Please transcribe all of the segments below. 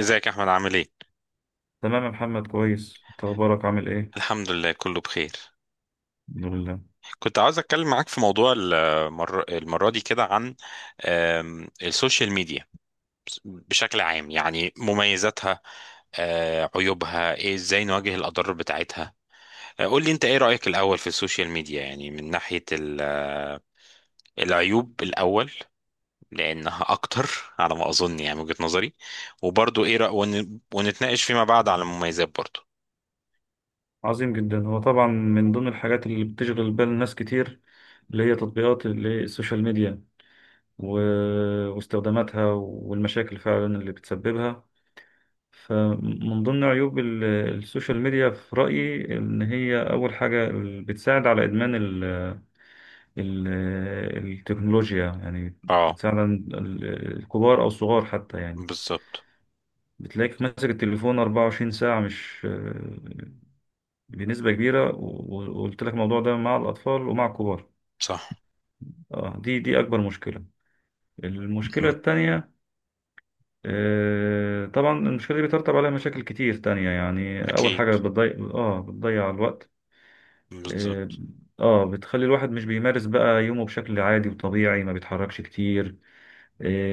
ازيك يا احمد، عامل ايه؟ تمام يا محمد، كويس. انت اخبارك، عامل ايه؟ الحمد لله، كله بخير. الحمد لله. كنت عاوز اتكلم معاك في موضوع المرة دي كده عن السوشيال ميديا بشكل عام، يعني مميزاتها، عيوبها ايه، ازاي نواجه الاضرار بتاعتها. قول لي انت ايه رأيك الاول في السوشيال ميديا، يعني من ناحية العيوب الاول، لانها اكتر على ما اظن، يعني من وجهة نظري. وبرضو ايه ونتناقش فيما بعد على المميزات برضو. عظيم جدا. هو طبعا من ضمن الحاجات اللي بتشغل بال ناس كتير اللي هي تطبيقات اللي هي السوشيال ميديا، و... واستخداماتها والمشاكل فعلا اللي بتسببها. فمن ضمن عيوب السوشيال ميديا في رأيي ان هي اول حاجة بتساعد على ادمان ال... التكنولوجيا، يعني اه، بتساعد عن الكبار او الصغار حتى، يعني. بالظبط. بتلاقيك ماسك التليفون 24 ساعة، مش بنسبة كبيرة، و- و- وقلت لك الموضوع ده مع الأطفال ومع الكبار. صح. اه، دي أكبر مشكلة. المشكلة مم. التانية، آه طبعا المشكلة دي بيترتب عليها مشاكل كتير تانية. يعني أول اكيد، حاجة بتضيع، بتضيع الوقت. اه بالظبط. بتخلي الواحد مش بيمارس بقى يومه بشكل عادي وطبيعي، ما بيتحركش كتير.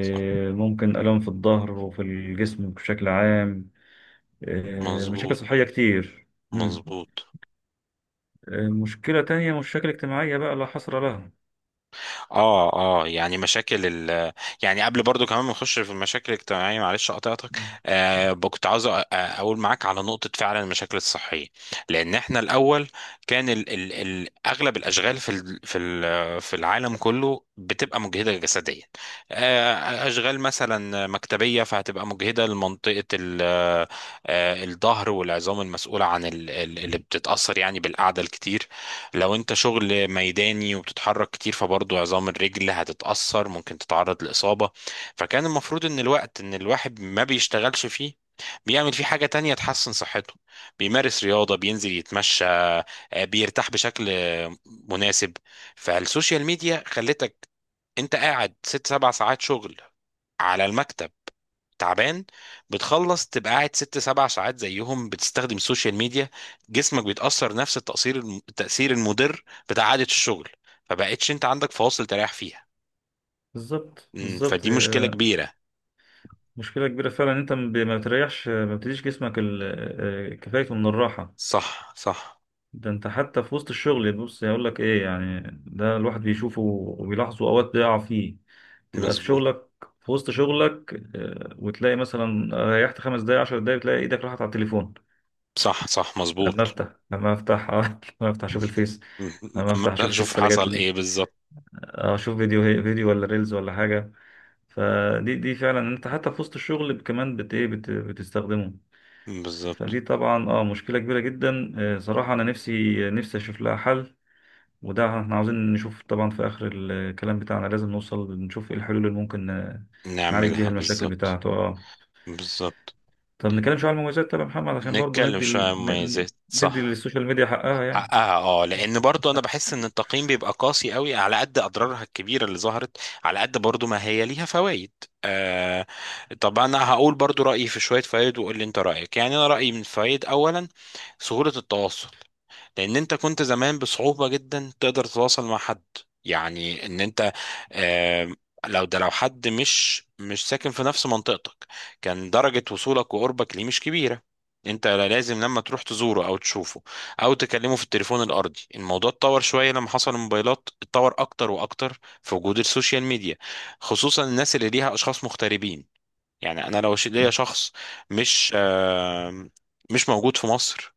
صح. ممكن آلام في الظهر وفي الجسم بشكل عام، آه مشاكل مظبوط. صحية كتير. مم. مظبوط. آه مشكلة تانية، مشاكل اجتماعية بقى لا حصر لها. اه اه، يعني مشاكل يعني قبل برضو كمان ما نخش في المشاكل الاجتماعيه، معلش قطعتك. مم. كنت عاوز اقول معاك على نقطه، فعلا المشاكل الصحيه، لان احنا الاول كان ال اغلب الاشغال في العالم كله بتبقى مجهده جسديا. اشغال مثلا مكتبيه، فهتبقى مجهده لمنطقه الظهر والعظام المسؤوله عن ال اللي بتتاثر يعني بالقعده الكتير. لو انت شغل ميداني وبتتحرك كتير، فبرضه عظام الرجل هتتأثر، ممكن تتعرض لإصابة. فكان المفروض ان الوقت ان الواحد ما بيشتغلش فيه، بيعمل فيه حاجة تانية تحسن صحته، بيمارس رياضة، بينزل يتمشى، بيرتاح بشكل مناسب. فالسوشيال ميديا خلتك انت قاعد 6 7 ساعات شغل على المكتب تعبان، بتخلص تبقى قاعد 6 7 ساعات زيهم بتستخدم السوشيال ميديا. جسمك بيتأثر نفس التأثير التأثير المضر بتاع عادة الشغل، فبقتش انت عندك فواصل تريح فيها. بالظبط، بالظبط. فدي مشكلة كبيرة. مشكلة كبيرة فعلا إن انت ما بتريحش، ما بتديش جسمك كفايته من الراحة. صح صح، ده انت حتى في وسط الشغل، بص يقول لك ايه يعني، ده الواحد بيشوفه وبيلاحظه، اوقات بيقع فيه. تبقى في مظبوط. شغلك، في وسط شغلك، وتلاقي مثلا ريحت 5 دقايق، 10 دقايق، تلاقي ايدك راحت على التليفون. صح صح، مظبوط. لما افتح لما افتح اشوف الفيس، مم، لما أما افتح اشوف في اشوف رسالة جات حصل لي، ايه بالظبط. اشوف فيديو، ولا ريلز ولا حاجة. فدي فعلا، انت حتى في وسط الشغل كمان بت ايه بت بتستخدمه. بالظبط، فدي طبعا، مشكله كبيره جدا. صراحه انا نفسي، نفسي اشوف لها حل. وده احنا عاوزين نشوف طبعا في اخر الكلام بتاعنا، لازم نوصل نشوف ايه الحلول اللي ممكن نعالج بيها نعملها. المشاكل بالظبط. بتاعته. اه، بالظبط. طب نتكلم شويه عن المميزات. طب يا محمد، عشان برضو نتكلم ندي شوية عن مميزات، ندي صح. للسوشيال ميديا حقها، يعني. حقها، اه، لان برضو انا بحس ان التقييم بيبقى قاسي قوي على قد اضرارها الكبيره اللي ظهرت، على قد برضو ما هي ليها فوائد. آه طب انا هقول برضو رايي في شويه فوائد وقول لي انت رايك. يعني انا رايي من فوائد، اولا سهوله التواصل، لان انت كنت زمان بصعوبة جدا تقدر تتواصل مع حد. يعني ان انت، آم، لو ده، لو حد مش ساكن في نفس منطقتك، كان درجة وصولك وقربك ليه مش كبيرة. انت لازم لما تروح تزوره او تشوفه او تكلمه في التليفون الارضي. الموضوع اتطور شوية لما حصل الموبايلات، اتطور اكتر واكتر في وجود السوشيال ميديا، خصوصا الناس اللي ليها اشخاص مغتربين. يعني انا لو ليا مم. شخص مش آم، مش موجود في مصر.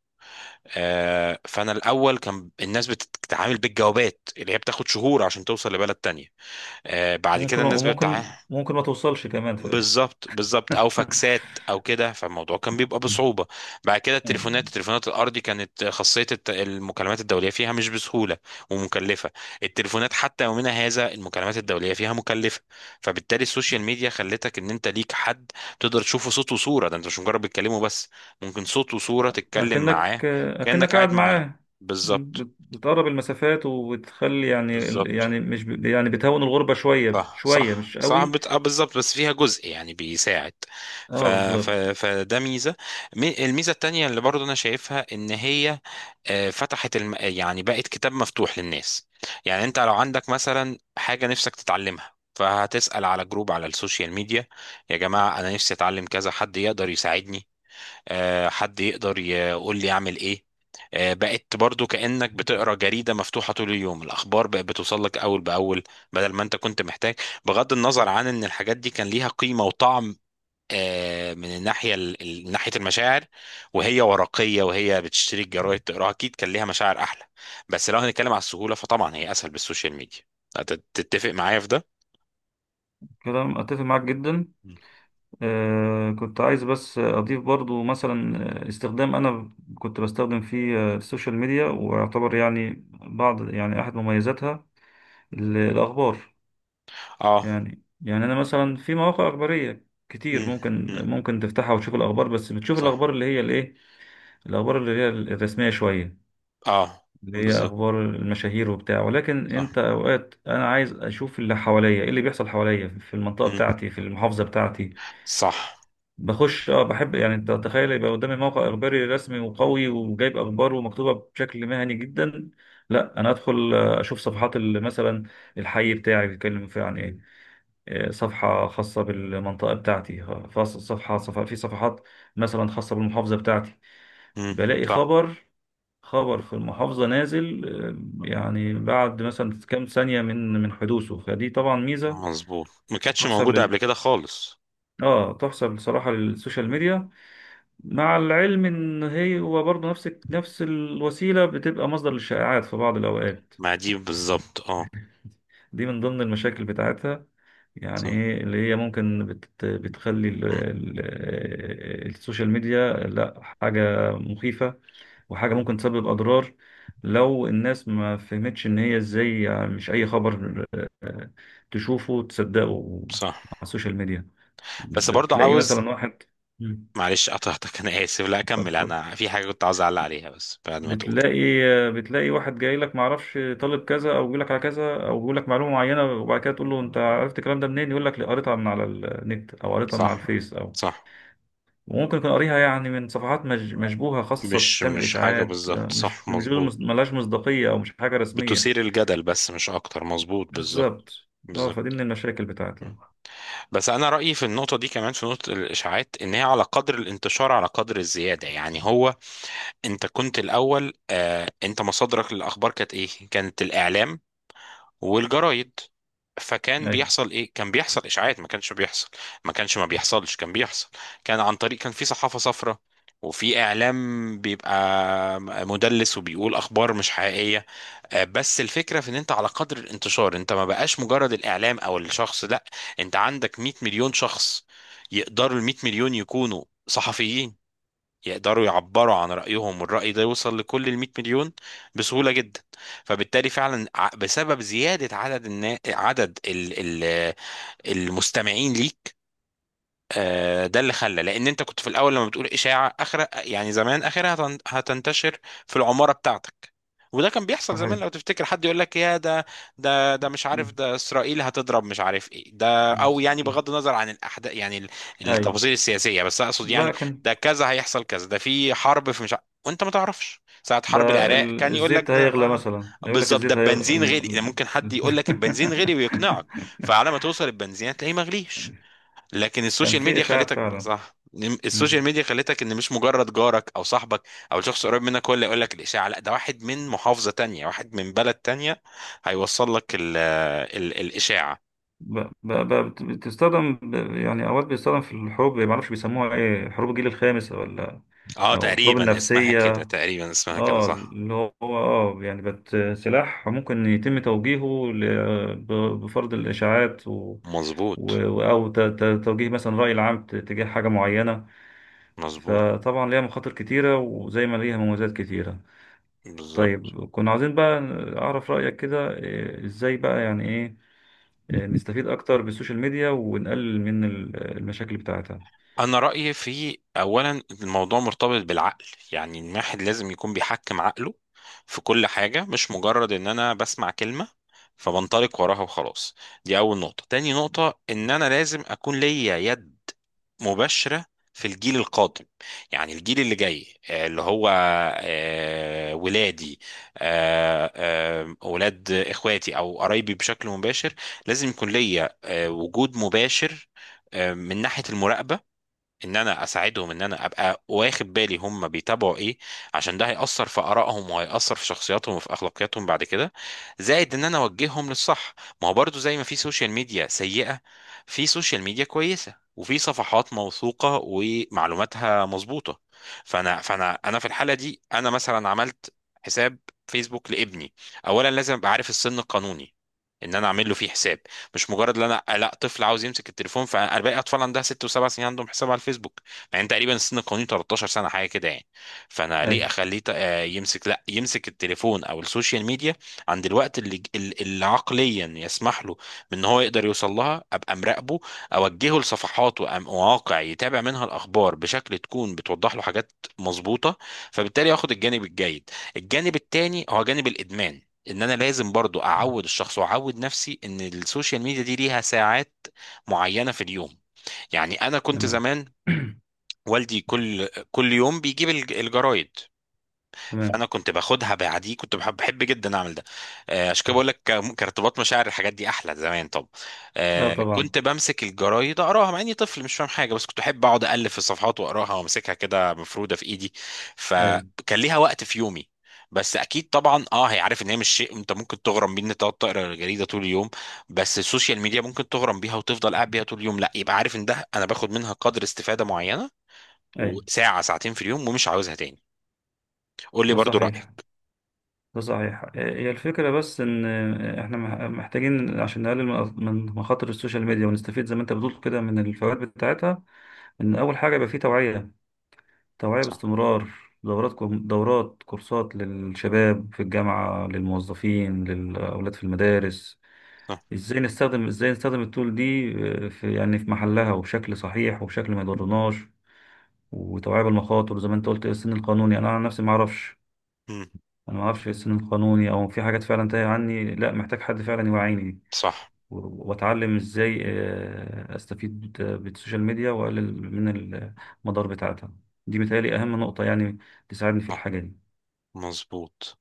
فانا الاول كان الناس بتتعامل بالجوابات اللي هي بتاخد شهور عشان توصل لبلد تانية. بعد ممكن، كده الناس وممكن بتتعامل. ممكن ما توصلش كمان، في بالظبط، بالظبط، او فاكسات او كده، فالموضوع كان بيبقى بصعوبه. بعد كده التليفونات أيوة. التليفونات الارضي، كانت خاصيه المكالمات الدوليه فيها مش بسهوله ومكلفه. التليفونات حتى يومنا هذا المكالمات الدوليه فيها مكلفه. فبالتالي السوشيال ميديا خلتك ان انت ليك حد تقدر تشوفه صوت وصوره، ده انت مش مجرد بتكلمه بس، ممكن صوت وصوره تتكلم معاه، أكنك كانك قاعد قاعد معاه، معاه، بالظبط. بتقرب المسافات وبتخلي، يعني، بالظبط. يعني مش ب- يعني بتهون الغربة شوية صح شوية، صح مش صح، قوي. بت... آه بالظبط، بس فيها جزء يعني بيساعد. ف... اه، بالظبط. فده ميزة. الميزة التانية اللي برضو أنا شايفها إن هي فتحت، يعني بقت كتاب مفتوح للناس. يعني أنت لو عندك مثلا حاجة نفسك تتعلمها، فهتسأل على جروب على السوشيال ميديا: يا جماعة أنا نفسي أتعلم كذا، حد يقدر يساعدني؟ حد يقدر يقول لي اعمل ايه؟ بقت برضو كأنك بتقرا جريدة مفتوحة طول اليوم، الأخبار بقت بتوصل لك أول بأول، بدل ما أنت كنت محتاج، بغض النظر عن إن الحاجات دي كان ليها قيمة وطعم من الناحية ناحية المشاعر، وهي ورقية وهي بتشتري الجرايد تقراها، أكيد كان ليها مشاعر أحلى، بس لو هنتكلم على السهولة فطبعا هي أسهل بالسوشيال ميديا. تتفق معايا في ده؟ كلام أتفق معاك جدا. مم. آه، كنت عايز بس أضيف برضو مثلا، آه، استخدام، أنا كنت بستخدم فيه آه، السوشيال ميديا، ويعتبر يعني بعض، يعني أحد مميزاتها الأخبار. اه. يعني أنا مثلا في مواقع أخبارية كتير، امم. امم. ممكن تفتحها وتشوف الأخبار. بس بتشوف صح. الأخبار اللي هي الإيه؟ الأخبار اللي هي الرسمية شوية، اه، اللي هي بالظبط. أخبار المشاهير وبتاع. ولكن صح. أنت أوقات، أنا عايز أشوف اللي حواليا، إيه اللي بيحصل حواليا في المنطقة امم. بتاعتي، في المحافظة بتاعتي. صح. بخش، بحب، يعني. أنت تخيل يبقى قدامي موقع إخباري رسمي وقوي وجايب أخبار ومكتوبة بشكل مهني جدا؟ لا، أنا أدخل آه، أشوف صفحات مثلا، الحي بتاعي بيتكلم فيه عن إيه. آه، صفحة خاصة بالمنطقة بتاعتي، في صفحات مثلا خاصة بالمحافظة بتاعتي. مم. بلاقي صح، خبر، خبر في المحافظة نازل آه، يعني بعد مثلا كام ثانية من حدوثه. فدي طبعا ميزة مظبوط. ما كانتش تحسب موجودة لل قبل كده خالص. اه تحسب بصراحة للسوشيال مم. ميديا. مع العلم ان هو برضه نفس الوسيلة بتبقى مصدر للشائعات في بعض الأوقات. مع دي بالظبط، اه. دي من ضمن المشاكل بتاعتها، يعني صح. ايه اللي هي ممكن بتخلي مم. السوشيال ميديا لا حاجة مخيفة وحاجة ممكن تسبب أضرار، لو الناس ما فهمتش إن هي إزاي، يعني. مش أي خبر آه، تشوفه تصدقه صح. على السوشيال ميديا. بس برضو بتلاقي عاوز، مثلا واحد، مم، معلش قطعتك انا اسف، لا، اكمل، انا في حاجة كنت عاوز اعلق عليها بس بعد ما تقول. بتلاقي بتلاقي واحد جاي لك، معرفش طالب كذا، او بيقول لك على كذا، او بيقول لك معلومه معينه، وبعد كده تقول له انت عرفت الكلام ده منين، يقول لك: "لا، قريتها من على النت، او قريتها من على صح. الفيس، او صح. وممكن يكون قاريها، يعني، من صفحات مشبوهه، خاصه مش تعمل مش حاجة، اشاعات آه، بالظبط، صح، مش دول، مظبوط. ملهاش مصداقيه، او مش حاجه رسميه". بتثير الجدل بس مش اكتر، مظبوط، بالظبط. بالظبط. اه، فدي بالظبط. من المشاكل مم. بتاعتها. بس انا رأيي في النقطة دي، كمان في نقطة الاشاعات، ان هي على قدر الانتشار على قدر الزيادة. يعني هو انت كنت الاول، انت مصادرك للاخبار كانت ايه، كانت الاعلام والجرايد. فكان اي بيحصل ايه؟ كان بيحصل اشاعات. ما كانش بيحصل، ما كانش، ما بيحصلش، كان بيحصل، كان عن طريق، كان في صحافة صفراء وفي اعلام بيبقى مدلس وبيقول اخبار مش حقيقيه. بس الفكره في ان انت على قدر الانتشار، انت ما بقاش مجرد الاعلام او الشخص، لا، انت عندك 100 مليون شخص، يقدروا ال 100 مليون يكونوا صحفيين، يقدروا يعبروا عن رأيهم والرأي ده يوصل لكل ال 100 مليون بسهولة جدا. فبالتالي فعلا، بسبب زيادة عدد النا... عدد ال... ال... المستمعين ليك. ده اللي خلى، لان انت كنت في الاول لما بتقول اشاعه اخر، يعني زمان اخرها هتنتشر في العماره بتاعتك. وده كان بيحصل زمان صحيح. لو تفتكر، حد يقول لك: يا ده، ده مش عارف، مم. ده اسرائيل هتضرب، مش عارف ايه ده، او يعني مم. بغض النظر عن الاحداث، يعني اي. التفاصيل السياسيه، بس اقصد يعني لا، كان ده كذا هيحصل كذا، ده في حرب، في مش عارف، وانت ما تعرفش ساعه ده حرب العراق كان يقول لك الزيت ده. هيغلى مثلا، يقول لك بالظبط، ده الزيت هيغلى البنزين غلي، ممكن حد ال- يقول لك البنزين غلي ويقنعك، فعلى ما توصل البنزين هتلاقيه مغليش. لكن كان السوشيال في ميديا إشاعات خلتك، فعلا. صح. السوشيال مم. ميديا خلتك ان مش مجرد جارك او صاحبك او شخص قريب منك هو اللي يقول لك الاشاعه، لا، ده واحد من محافظه تانية، واحد من بلد تانية هيوصل لك ال الاشاعه يعني أوقات بيستخدم في الحروب، ما أعرفش بيسموها إيه، حروب الجيل الخامس، ولا اه، أو الحروب تقريبا اسمها كده، النفسية. تقريبا اسمها كده، اه صح. اللي هو، يعني سلاح ممكن يتم توجيهه بفرض الإشاعات، مظبوط. أو توجيه مثلا رأي العام تجاه حاجة معينة. مظبوط. فطبعا ليها مخاطر كتيرة، وزي ما ليها مميزات كتيرة. بالظبط. طيب، كنا عاوزين بقى أعرف رأيك كده. إيه، إزاي بقى، يعني إيه، إيه، نستفيد أكتر بالسوشيال ميديا ونقلل من المشاكل بتاعتها؟ انا رايي في، اولا الموضوع مرتبط بالعقل. يعني الواحد لازم يكون بيحكم عقله في كل حاجه، مش مجرد ان انا بسمع كلمه فبنطلق وراها وخلاص. دي اول نقطه. تاني نقطه، ان انا لازم اكون ليا يد مباشره في الجيل القادم. يعني الجيل اللي جاي، اللي هو ولادي، ولاد اخواتي او قرايبي بشكل مباشر. لازم يكون ليا وجود مباشر من ناحيه المراقبه، ان انا اساعدهم، ان انا ابقى واخد بالي هم بيتابعوا ايه، عشان ده هيأثر في آرائهم وهيأثر في شخصياتهم وفي اخلاقياتهم بعد كده. زائد ان انا اوجههم للصح، ما هو برضو زي ما في سوشيال ميديا سيئة، في سوشيال ميديا كويسة وفي صفحات موثوقة ومعلوماتها مظبوطة. فانا انا في الحالة دي، انا مثلا عملت حساب فيسبوك لابني. اولا لازم ابقى عارف السن القانوني ان انا اعمل له فيه حساب، مش مجرد ان انا، لا، طفل عاوز يمسك التليفون، فانا باقي اطفال عندها 6 و7 سنين عندهم حساب على الفيسبوك. مع ان تقريبا السن القانوني 13 سنه حاجه كده يعني. فانا ليه أي، اخليه يمسك، لا يمسك التليفون او السوشيال ميديا، عند الوقت اللي عقليا يسمح له بان هو يقدر يوصل لها. ابقى مراقبه، اوجهه لصفحات ومواقع يتابع منها الاخبار بشكل تكون بتوضح له حاجات مظبوطه، فبالتالي ياخد الجانب الجيد. الجانب التاني هو جانب الادمان، ان انا لازم برضو اعود الشخص واعود نفسي ان السوشيال ميديا دي ليها ساعات معينة في اليوم. يعني انا كنت تمام. زمان والدي كل يوم بيجيب الجرايد، فانا تمام. كنت باخدها بعدي. كنت بحب جدا اعمل ده. عشان كده بقول لك كارتباط مشاعر الحاجات دي احلى زمان. طب، اه، طبعا. كنت بمسك الجرايد اقراها مع اني طفل مش فاهم حاجه، بس كنت احب اقعد الف في الصفحات واقراها وامسكها كده مفروده في ايدي، ايوه، فكان ليها وقت في يومي. بس اكيد طبعا، اه، هي عارف ان هي مش شيء انت ممكن تغرم بيه، ان انت تقعد تقرا الجريده طول اليوم. بس السوشيال ميديا ممكن تغرم بيها وتفضل قاعد بيها طول اليوم، لا، يبقى عارف ان ده انا باخد منها قدر استفاده معينه، ايوه. وساعه ساعتين في اليوم، ومش عاوزها تاني. قول لي ده برضو صحيح. رايك. ده صحيح آه، هي الفكرة بس ان آه، احنا محتاجين عشان نقلل من مخاطر السوشيال ميديا، ونستفيد زي ما انت بتقول كده من الفوائد بتاعتها. ان اول حاجة يبقى فيه توعية، توعية صح. باستمرار. دورات كورسات، للشباب في الجامعة، للموظفين، للأولاد في المدارس. ازاي نستخدم التول دي آه، في، يعني، في محلها وبشكل صحيح وبشكل ما يضرناش. وتوعية بالمخاطر. زي ما انت قلت، إيه السن القانوني؟ انا عن نفسي ما اعرفش، مم. انا ما اعرفش إيه السن القانوني، او في حاجات فعلا تايه عني. لا، محتاج حد فعلا يوعيني، صح واتعلم ازاي آه، استفيد آه، بالسوشيال ميديا واقلل من المدار بتاعتها. دي متهيألي اهم نقطة يعني تساعدني في صح، الحاجة دي. مظبوط.